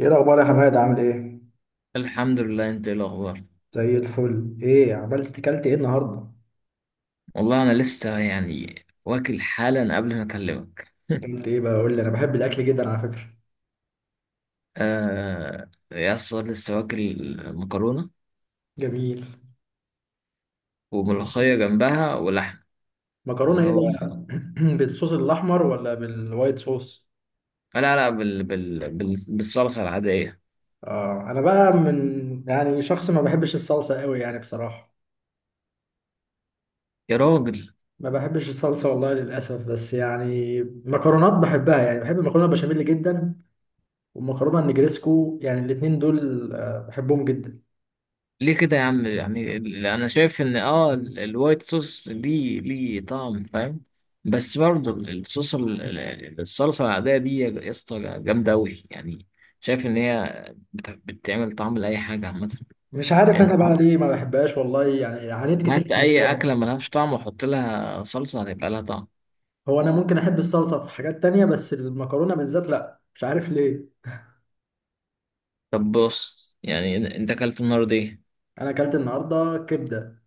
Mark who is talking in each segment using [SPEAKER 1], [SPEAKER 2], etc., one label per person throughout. [SPEAKER 1] ايه الاخبار يا حماد؟ عامل ايه؟
[SPEAKER 2] الحمد لله، انت ايه الاخبار؟
[SPEAKER 1] زي الفل. ايه عملت؟ كلت ايه النهارده؟
[SPEAKER 2] والله انا لسه يعني واكل حالا قبل ما اكلمك.
[SPEAKER 1] كلت ايه بقى؟ قول لي، انا بحب الاكل جدا على فكره.
[SPEAKER 2] آه يا اسطى، لسه واكل مكرونه،
[SPEAKER 1] جميل.
[SPEAKER 2] وملوخيه جنبها ولحم.
[SPEAKER 1] مكرونه
[SPEAKER 2] فاللي
[SPEAKER 1] ايه
[SPEAKER 2] هو
[SPEAKER 1] بقى بالصوص الاحمر ولا بالوايت صوص؟
[SPEAKER 2] لا لا، بالصلصه العاديه.
[SPEAKER 1] اه، انا بقى من يعني شخص ما بحبش الصلصه قوي يعني بصراحه.
[SPEAKER 2] يا راجل،
[SPEAKER 1] ما بحبش الصلصه والله للاسف، بس يعني مكرونات بحبها، يعني بحب المكرونه البشاميل جدا والمكرونه النجريسكو، يعني الاتنين دول بحبهم جدا.
[SPEAKER 2] ليه كده يا عم؟ يعني انا شايف ان الوايت صوص دي ليه طعم، فاهم؟ بس برضه الصوص الصلصه العاديه دي يا اسطى جامده قوي يعني. شايف ان هي بتعمل طعم لاي حاجه عامه.
[SPEAKER 1] مش عارف انا
[SPEAKER 2] انت
[SPEAKER 1] بقى ليه ما بحبهاش والله، يعني عانيت كتير
[SPEAKER 2] هات
[SPEAKER 1] في
[SPEAKER 2] اي
[SPEAKER 1] الموضوع
[SPEAKER 2] اكله
[SPEAKER 1] ده.
[SPEAKER 2] ملهاش طعم وحط لها صلصه هتبقى لها طعم.
[SPEAKER 1] هو انا ممكن احب الصلصه في حاجات تانية، بس المكرونه بالذات لا، مش عارف ليه.
[SPEAKER 2] طب بص، يعني انت اكلت النهارده ايه؟
[SPEAKER 1] انا اكلت النهارده كبده.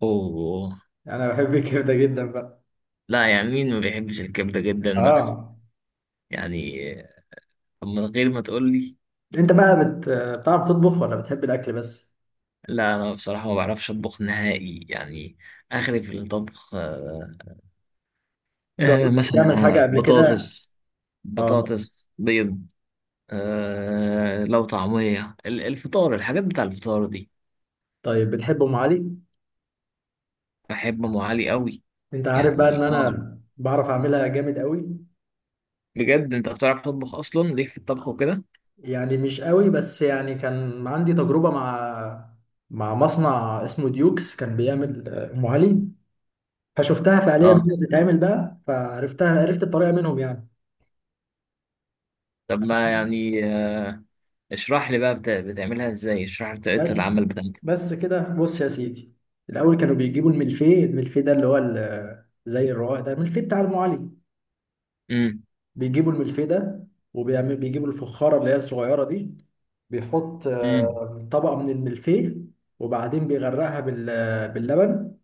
[SPEAKER 2] اوه.
[SPEAKER 1] انا بحب الكبده جدا بقى.
[SPEAKER 2] لا يعني، مين ما بيحبش الكبده جدا بقى؟
[SPEAKER 1] اه.
[SPEAKER 2] يعني، طب من غير ما تقول لي،
[SPEAKER 1] انت بقى بتعرف تطبخ ولا بتحب الاكل بس؟
[SPEAKER 2] لا انا بصراحه ما بعرفش اطبخ نهائي يعني. اخري في الطبخ، آه. آه،
[SPEAKER 1] جربت
[SPEAKER 2] مثلا
[SPEAKER 1] تعمل حاجه
[SPEAKER 2] آه،
[SPEAKER 1] قبل كده؟
[SPEAKER 2] بطاطس،
[SPEAKER 1] اه.
[SPEAKER 2] بطاطس بيض. آه لو طعميه الفطار، الحاجات بتاع الفطار دي.
[SPEAKER 1] طيب بتحب ام علي؟
[SPEAKER 2] بحب ام علي قوي.
[SPEAKER 1] انت عارف بقى ان
[SPEAKER 2] يعني اه.
[SPEAKER 1] انا بعرف اعملها جامد قوي.
[SPEAKER 2] بجد انت بتعرف تطبخ اصلا؟ ليك في الطبخ وكده.
[SPEAKER 1] يعني مش قوي، بس يعني كان عندي تجربه مع مصنع اسمه ديوكس، كان بيعمل ام علي، فشفتها فعليا
[SPEAKER 2] اه.
[SPEAKER 1] وهي بتتعمل بقى، فعرفتها، عرفت الطريقه منهم يعني.
[SPEAKER 2] طب ما يعني آه، اشرح لي بقى بتعملها ازاي؟ اشرح لي طريقه
[SPEAKER 1] بس
[SPEAKER 2] العمل بتاعتك.
[SPEAKER 1] بس كده، بص يا سيدي، الاول كانوا بيجيبوا الملفيه. الملفيه ده اللي هو زي الرواق ده، الملفيه بتاع ام علي.
[SPEAKER 2] امم.
[SPEAKER 1] بيجيبوا الملفيه ده، وبيعمل بيجيبوا الفخاره اللي هي الصغيره دي، بيحط
[SPEAKER 2] امم.
[SPEAKER 1] طبقه من الملفيه وبعدين بيغرقها باللبن.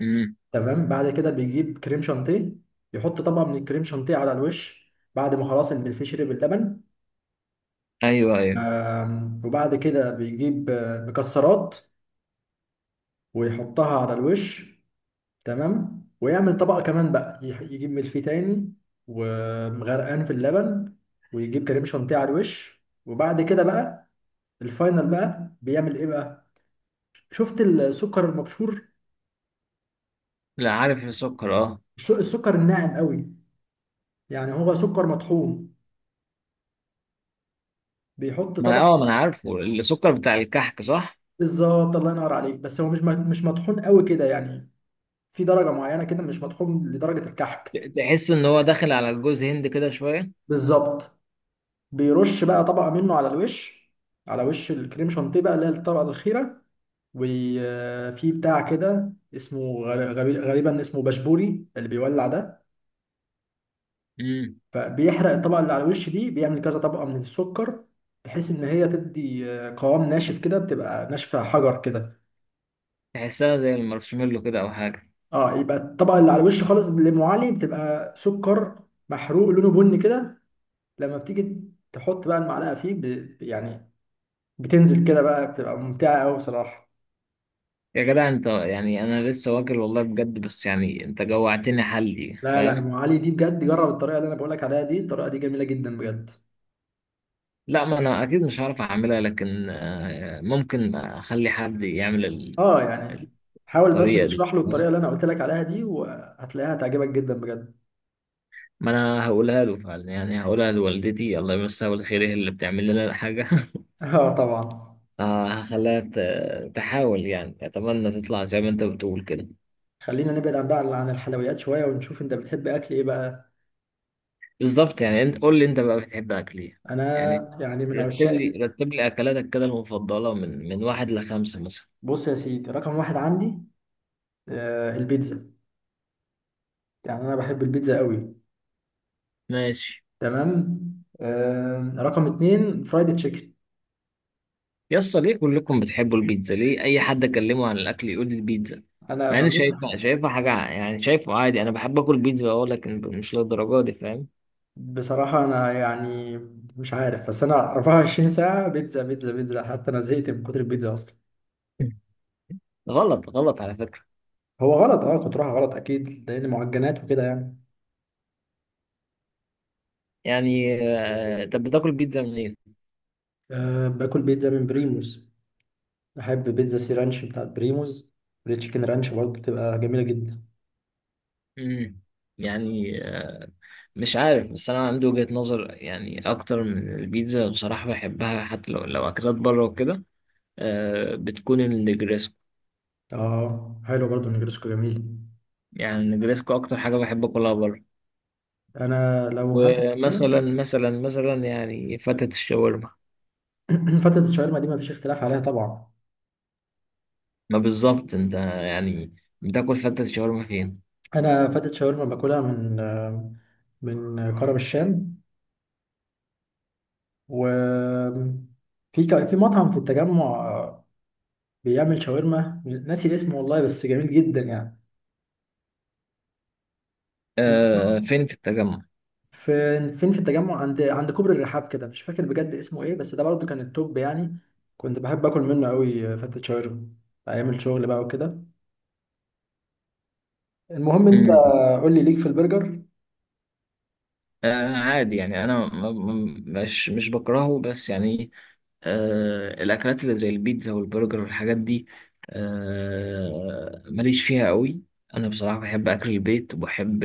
[SPEAKER 2] امم.
[SPEAKER 1] تمام، بعد كده بيجيب كريم شانتيه، يحط طبقه من الكريم شانتيه على الوش بعد ما خلاص الملفيه شرب اللبن.
[SPEAKER 2] ايوه، ايوه.
[SPEAKER 1] وبعد كده بيجيب مكسرات ويحطها على الوش. تمام، ويعمل طبقة كمان بقى، يجيب ملفيه تاني ومغرقان في اللبن، ويجيب كريم شانتيه على الوش. وبعد كده بقى الفاينل بقى بيعمل ايه بقى؟ شفت السكر المبشور؟
[SPEAKER 2] لا، عارف السكر، اه.
[SPEAKER 1] السكر الناعم قوي، يعني هو سكر مطحون. بيحط طبقة.
[SPEAKER 2] ما انا عارفه السكر بتاع الكحك، صح؟
[SPEAKER 1] بالظبط، الله ينور عليك. بس هو مش مش مطحون قوي كده يعني، في درجة معينة كده، مش مطحون لدرجة الكحك.
[SPEAKER 2] تحس ان هو داخل على الجوز هند كده شويه.
[SPEAKER 1] بالظبط. بيرش بقى طبقة منه على الوش، على وش الكريم شانتيه بقى اللي هي الطبقة الأخيرة. وفي بتاع كده اسمه غالبا اسمه بشبوري، اللي بيولع ده،
[SPEAKER 2] امم.
[SPEAKER 1] فبيحرق الطبقة اللي على الوش دي، بيعمل كذا طبقة من السكر بحيث ان هي تدي قوام ناشف كده، بتبقى ناشفة حجر كده.
[SPEAKER 2] تحسها زي المارشميلو كده او حاجه.
[SPEAKER 1] اه، يبقى الطبقة اللي على الوش خالص اللي أم علي بتبقى سكر محروق لونه بني كده. لما بتيجي تحط بقى المعلقة فيه يعني بتنزل كده بقى، بتبقى ممتعة قوي بصراحة.
[SPEAKER 2] يا جدع انت، يعني انا لسه واكل والله بجد، بس يعني انت جوعتني، حلي،
[SPEAKER 1] لا لا، أم
[SPEAKER 2] فاهم؟
[SPEAKER 1] علي دي بجد جرب الطريقة اللي انا بقولك عليها دي، الطريقة دي جميلة جدا بجد.
[SPEAKER 2] لا، ما انا اكيد مش هعرف اعملها، لكن آه، ممكن اخلي حد يعمل
[SPEAKER 1] اه يعني حاول بس
[SPEAKER 2] الطريقه دي،
[SPEAKER 1] تشرح له الطريقه
[SPEAKER 2] فاهم؟
[SPEAKER 1] اللي انا قلت لك عليها دي، وهتلاقيها هتعجبك جدا بجد.
[SPEAKER 2] ما انا هقولها له فعلا، يعني هقولها لوالدتي الله يمسها بالخير، هي اللي بتعمل لنا الحاجه.
[SPEAKER 1] اه طبعا.
[SPEAKER 2] اه، هخليها تحاول، يعني اتمنى تطلع زي ما انت بتقول كده.
[SPEAKER 1] خلينا نبعد عن بقى عن الحلويات شويه، ونشوف انت بتحب اكل ايه بقى.
[SPEAKER 2] بالظبط، يعني انت قول لي انت بقى بتحب اكل ايه؟
[SPEAKER 1] انا
[SPEAKER 2] يعني،
[SPEAKER 1] يعني من
[SPEAKER 2] رتب
[SPEAKER 1] عشاق
[SPEAKER 2] لي رتب لي اكلاتك كده المفضله من واحد لخمسه مثلا.
[SPEAKER 1] بص يا سيدي، رقم واحد عندي آه البيتزا. يعني انا بحب البيتزا قوي.
[SPEAKER 2] ماشي.
[SPEAKER 1] تمام. آه رقم اتنين فرايد تشيكن.
[SPEAKER 2] يا اسطى ليه كلكم بتحبوا البيتزا؟ ليه اي حد اكلمه عن الاكل يقول لي البيتزا؟
[SPEAKER 1] انا
[SPEAKER 2] مع اني
[SPEAKER 1] بموت.
[SPEAKER 2] شايفها، شايفها حاجه يعني شايفه عادي. انا بحب اكل بيتزا، اقول لك مش للدرجه دي، فاهم؟
[SPEAKER 1] بصراحه انا يعني مش عارف، بس انا 24 ساعه بيتزا بيتزا بيتزا، حتى انا زهقت من كتر البيتزا اصلا.
[SPEAKER 2] غلط، غلط على فكره.
[SPEAKER 1] هو غلط اه، كنت رايحة غلط اكيد، لان معجنات وكده يعني.
[SPEAKER 2] يعني آه، طب بتاكل بيتزا منين؟
[SPEAKER 1] أه باكل بيتزا من بريموز. بحب بيتزا سي رانش بتاعت بريموز، والتشيكن رانش برضه بتبقى جميلة جدا.
[SPEAKER 2] امم. يعني آه، مش عارف، بس انا عندي وجهة نظر يعني اكتر من البيتزا، بصراحة بحبها حتى لو اكلات بره وكده، آه بتكون النجريسكو.
[SPEAKER 1] اه حلو برضه النجرسكو جميل.
[SPEAKER 2] يعني النجريسكو اكتر حاجة بحب اكلها بره.
[SPEAKER 1] انا لو هاكل
[SPEAKER 2] ومثلا مثلا مثلا يعني فتة الشاورما.
[SPEAKER 1] فتة الشاورما دي مفيش اختلاف عليها طبعا.
[SPEAKER 2] ما بالظبط انت يعني، بتاكل فتة الشاورما فين؟
[SPEAKER 1] انا فتة شاورما باكلها من من كرم الشام، و في مطعم في التجمع بيعمل شاورما، ناسي اسمه والله بس جميل جدا يعني.
[SPEAKER 2] آه، فين في التجمع؟
[SPEAKER 1] فين فين في التجمع؟ عند كوبري الرحاب كده، مش فاكر بجد اسمه ايه، بس ده برضه كان التوب يعني، كنت بحب اكل منه قوي فتة شاورما ايام الشغل بقى وكده. المهم انت قول لي، ليك في البرجر؟
[SPEAKER 2] آه عادي يعني، انا مش مش بكرهه، بس يعني آه الاكلات اللي زي البيتزا والبرجر والحاجات دي، آه ماليش فيها قوي. انا بصراحة بحب اكل البيت، وبحب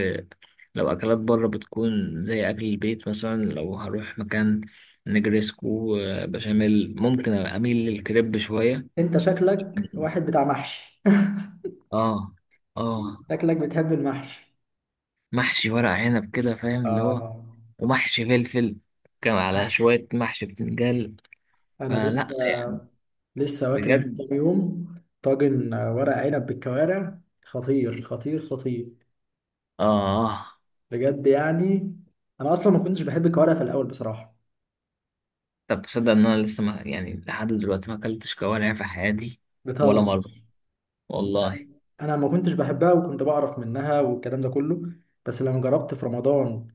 [SPEAKER 2] لو اكلات بره بتكون زي اكل البيت. مثلا لو هروح مكان، نجريسكو، آه، بشاميل، ممكن اميل للكريب شوية.
[SPEAKER 1] انت شكلك واحد بتاع محشي.
[SPEAKER 2] اه. اه.
[SPEAKER 1] شكلك بتحب المحشي.
[SPEAKER 2] محشي ورق عنب كده فاهم، اللي هو،
[SPEAKER 1] آه.
[SPEAKER 2] ومحشي فلفل، كان على شوية محشي بتنجان.
[SPEAKER 1] انا
[SPEAKER 2] فلا
[SPEAKER 1] لسه
[SPEAKER 2] يعني.
[SPEAKER 1] واكل من
[SPEAKER 2] بجد.
[SPEAKER 1] كام يوم طاجن ورق عنب بالكوارع، خطير خطير خطير
[SPEAKER 2] اه،
[SPEAKER 1] بجد يعني. انا اصلا ما كنتش بحب الكوارع في الاول بصراحة.
[SPEAKER 2] طب تصدق ان انا لسه ما يعني لحد دلوقتي ما اكلتش كوارع في حياتي؟ ولا
[SPEAKER 1] بتهزر؟
[SPEAKER 2] مره، والله.
[SPEAKER 1] انا ما كنتش بحبها، وكنت بعرف منها والكلام ده كله، بس لما جربت في رمضان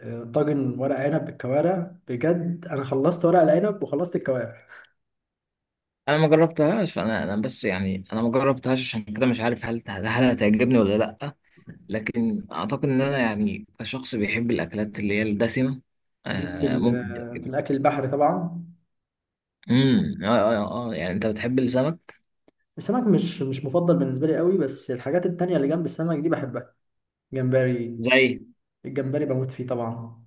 [SPEAKER 1] طاجن ورق عنب بالكوارع، بجد انا خلصت ورق العنب وخلصت الكوارع.
[SPEAKER 2] انا ما جربتهاش، انا بس يعني انا ما جربتهاش عشان كده مش عارف هل هتعجبني ولا لا. لكن اعتقد ان انا يعني كشخص بيحب الاكلات اللي هي الدسمه،
[SPEAKER 1] ليك في
[SPEAKER 2] آه ممكن
[SPEAKER 1] في
[SPEAKER 2] تعجبني.
[SPEAKER 1] الاكل البحري طبعا؟
[SPEAKER 2] امم، اه، اه، اه، آه. يعني انت بتحب السمك؟
[SPEAKER 1] السمك مش مفضل بالنسبه لي قوي، بس الحاجات التانية اللي جنب السمك دي بحبها. جمبري.
[SPEAKER 2] زي،
[SPEAKER 1] الجمبري بموت فيه طبعا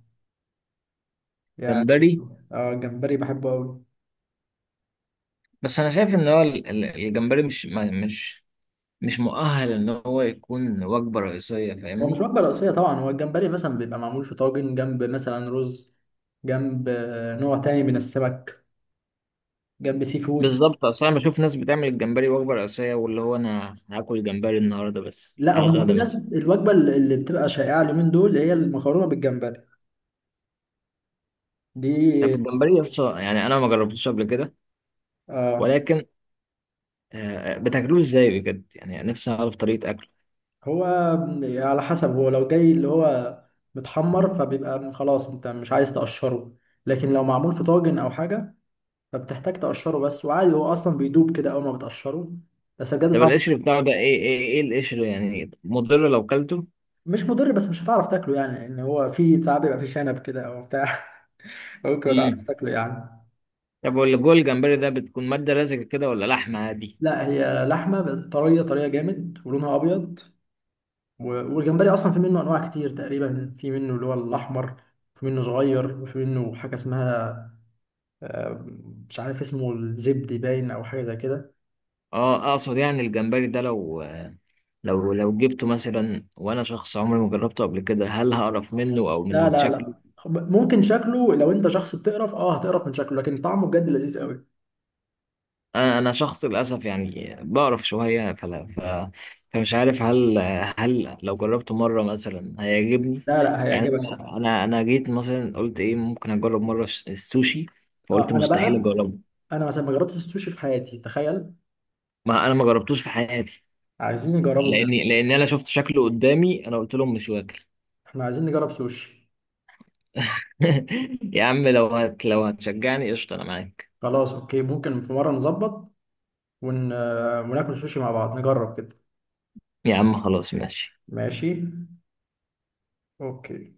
[SPEAKER 1] يعني.
[SPEAKER 2] جمبري.
[SPEAKER 1] اه الجمبري بحبه قوي.
[SPEAKER 2] بس انا شايف ان هو الجمبري مش ما- مش مش مؤهل ان هو يكون وجبه رئيسيه،
[SPEAKER 1] هو مش
[SPEAKER 2] فاهمني؟
[SPEAKER 1] وجبه رئيسيه طبعا، هو الجمبري مثلا بيبقى معمول في طاجن جنب مثلا رز، جنب نوع تاني من السمك، جنب سي فود.
[SPEAKER 2] بالظبط، اصل انا بشوف ناس بتعمل الجمبري وجبه رئيسيه، واللي هو انا هاكل جمبري النهارده بس
[SPEAKER 1] لا،
[SPEAKER 2] على
[SPEAKER 1] هم في
[SPEAKER 2] الغدا
[SPEAKER 1] ناس
[SPEAKER 2] مثلا.
[SPEAKER 1] الوجبه اللي بتبقى شائعه اليومين دول اللي هي المكرونه بالجمبري
[SPEAKER 2] طب
[SPEAKER 1] دي.
[SPEAKER 2] الجمبري اصلا يعني انا ما جربتوش قبل كده،
[SPEAKER 1] آه.
[SPEAKER 2] ولكن آه، بتاكلوه ازاي بجد؟ يعني نفسي اعرف طريقه اكله.
[SPEAKER 1] هو على حسب، هو لو جاي اللي هو متحمر فبيبقى خلاص انت مش عايز تقشره، لكن لو معمول في طاجن او حاجه فبتحتاج تقشره بس، وعادي هو اصلا بيدوب كده اول ما بتقشره، بس بجد
[SPEAKER 2] طب
[SPEAKER 1] طعمه.
[SPEAKER 2] القشر بتاعه ده ايه القشر يعني مضر لو كلته؟
[SPEAKER 1] مش مضر، بس مش هتعرف تاكله يعني، لان هو في ساعات بيبقى فيه شنب كده او بتاع. ممكن ما تعرفش
[SPEAKER 2] امم.
[SPEAKER 1] تاكله يعني.
[SPEAKER 2] طب واللي جوه الجمبري ده بتكون ماده لزجه كده ولا لحمه عادي؟
[SPEAKER 1] لا، هي لحمه بس طريه، طريه جامد، ولونها ابيض. والجمبري اصلا في منه انواع كتير، تقريبا في منه اللي هو الاحمر، في منه صغير، وفي منه حاجه اسمها آه، مش عارف اسمه، الزبدي باين او حاجه زي كده.
[SPEAKER 2] اه، اقصد يعني الجمبري ده لو جبته مثلا وانا شخص عمري ما جربته قبل كده، هل هقرف منه او
[SPEAKER 1] لا
[SPEAKER 2] من
[SPEAKER 1] لا
[SPEAKER 2] شكله؟
[SPEAKER 1] لا خب- ممكن شكله لو انت شخص بتقرف اه هتقرف من شكله، لكن طعمه بجد لذيذ قوي.
[SPEAKER 2] انا شخص للاسف يعني بقرف شويه، فلا فمش عارف هل لو جربته مره مثلا هيعجبني.
[SPEAKER 1] لا لا،
[SPEAKER 2] يعني
[SPEAKER 1] هيعجبك سنة.
[SPEAKER 2] انا جيت مثلا قلت ايه ممكن اجرب مره السوشي، فقلت
[SPEAKER 1] اه انا
[SPEAKER 2] مستحيل
[SPEAKER 1] بقى،
[SPEAKER 2] اجربه.
[SPEAKER 1] انا مثلا ما جربتش السوشي في حياتي تخيل.
[SPEAKER 2] ما انا ما جربتوش في حياتي.
[SPEAKER 1] عايزين نجربه بجد.
[SPEAKER 2] لان انا شفت شكله قدامي، انا قلت لهم مش واكل.
[SPEAKER 1] احنا عايزين نجرب سوشي.
[SPEAKER 2] يا عم لو هتشجعني قشطه انا معاك.
[SPEAKER 1] خلاص اوكي، ممكن في مره نظبط ون... آه، وناكل سوشي مع بعض، نجرب كده.
[SPEAKER 2] يا عم خلاص ماشي.
[SPEAKER 1] ماشي. اوكي.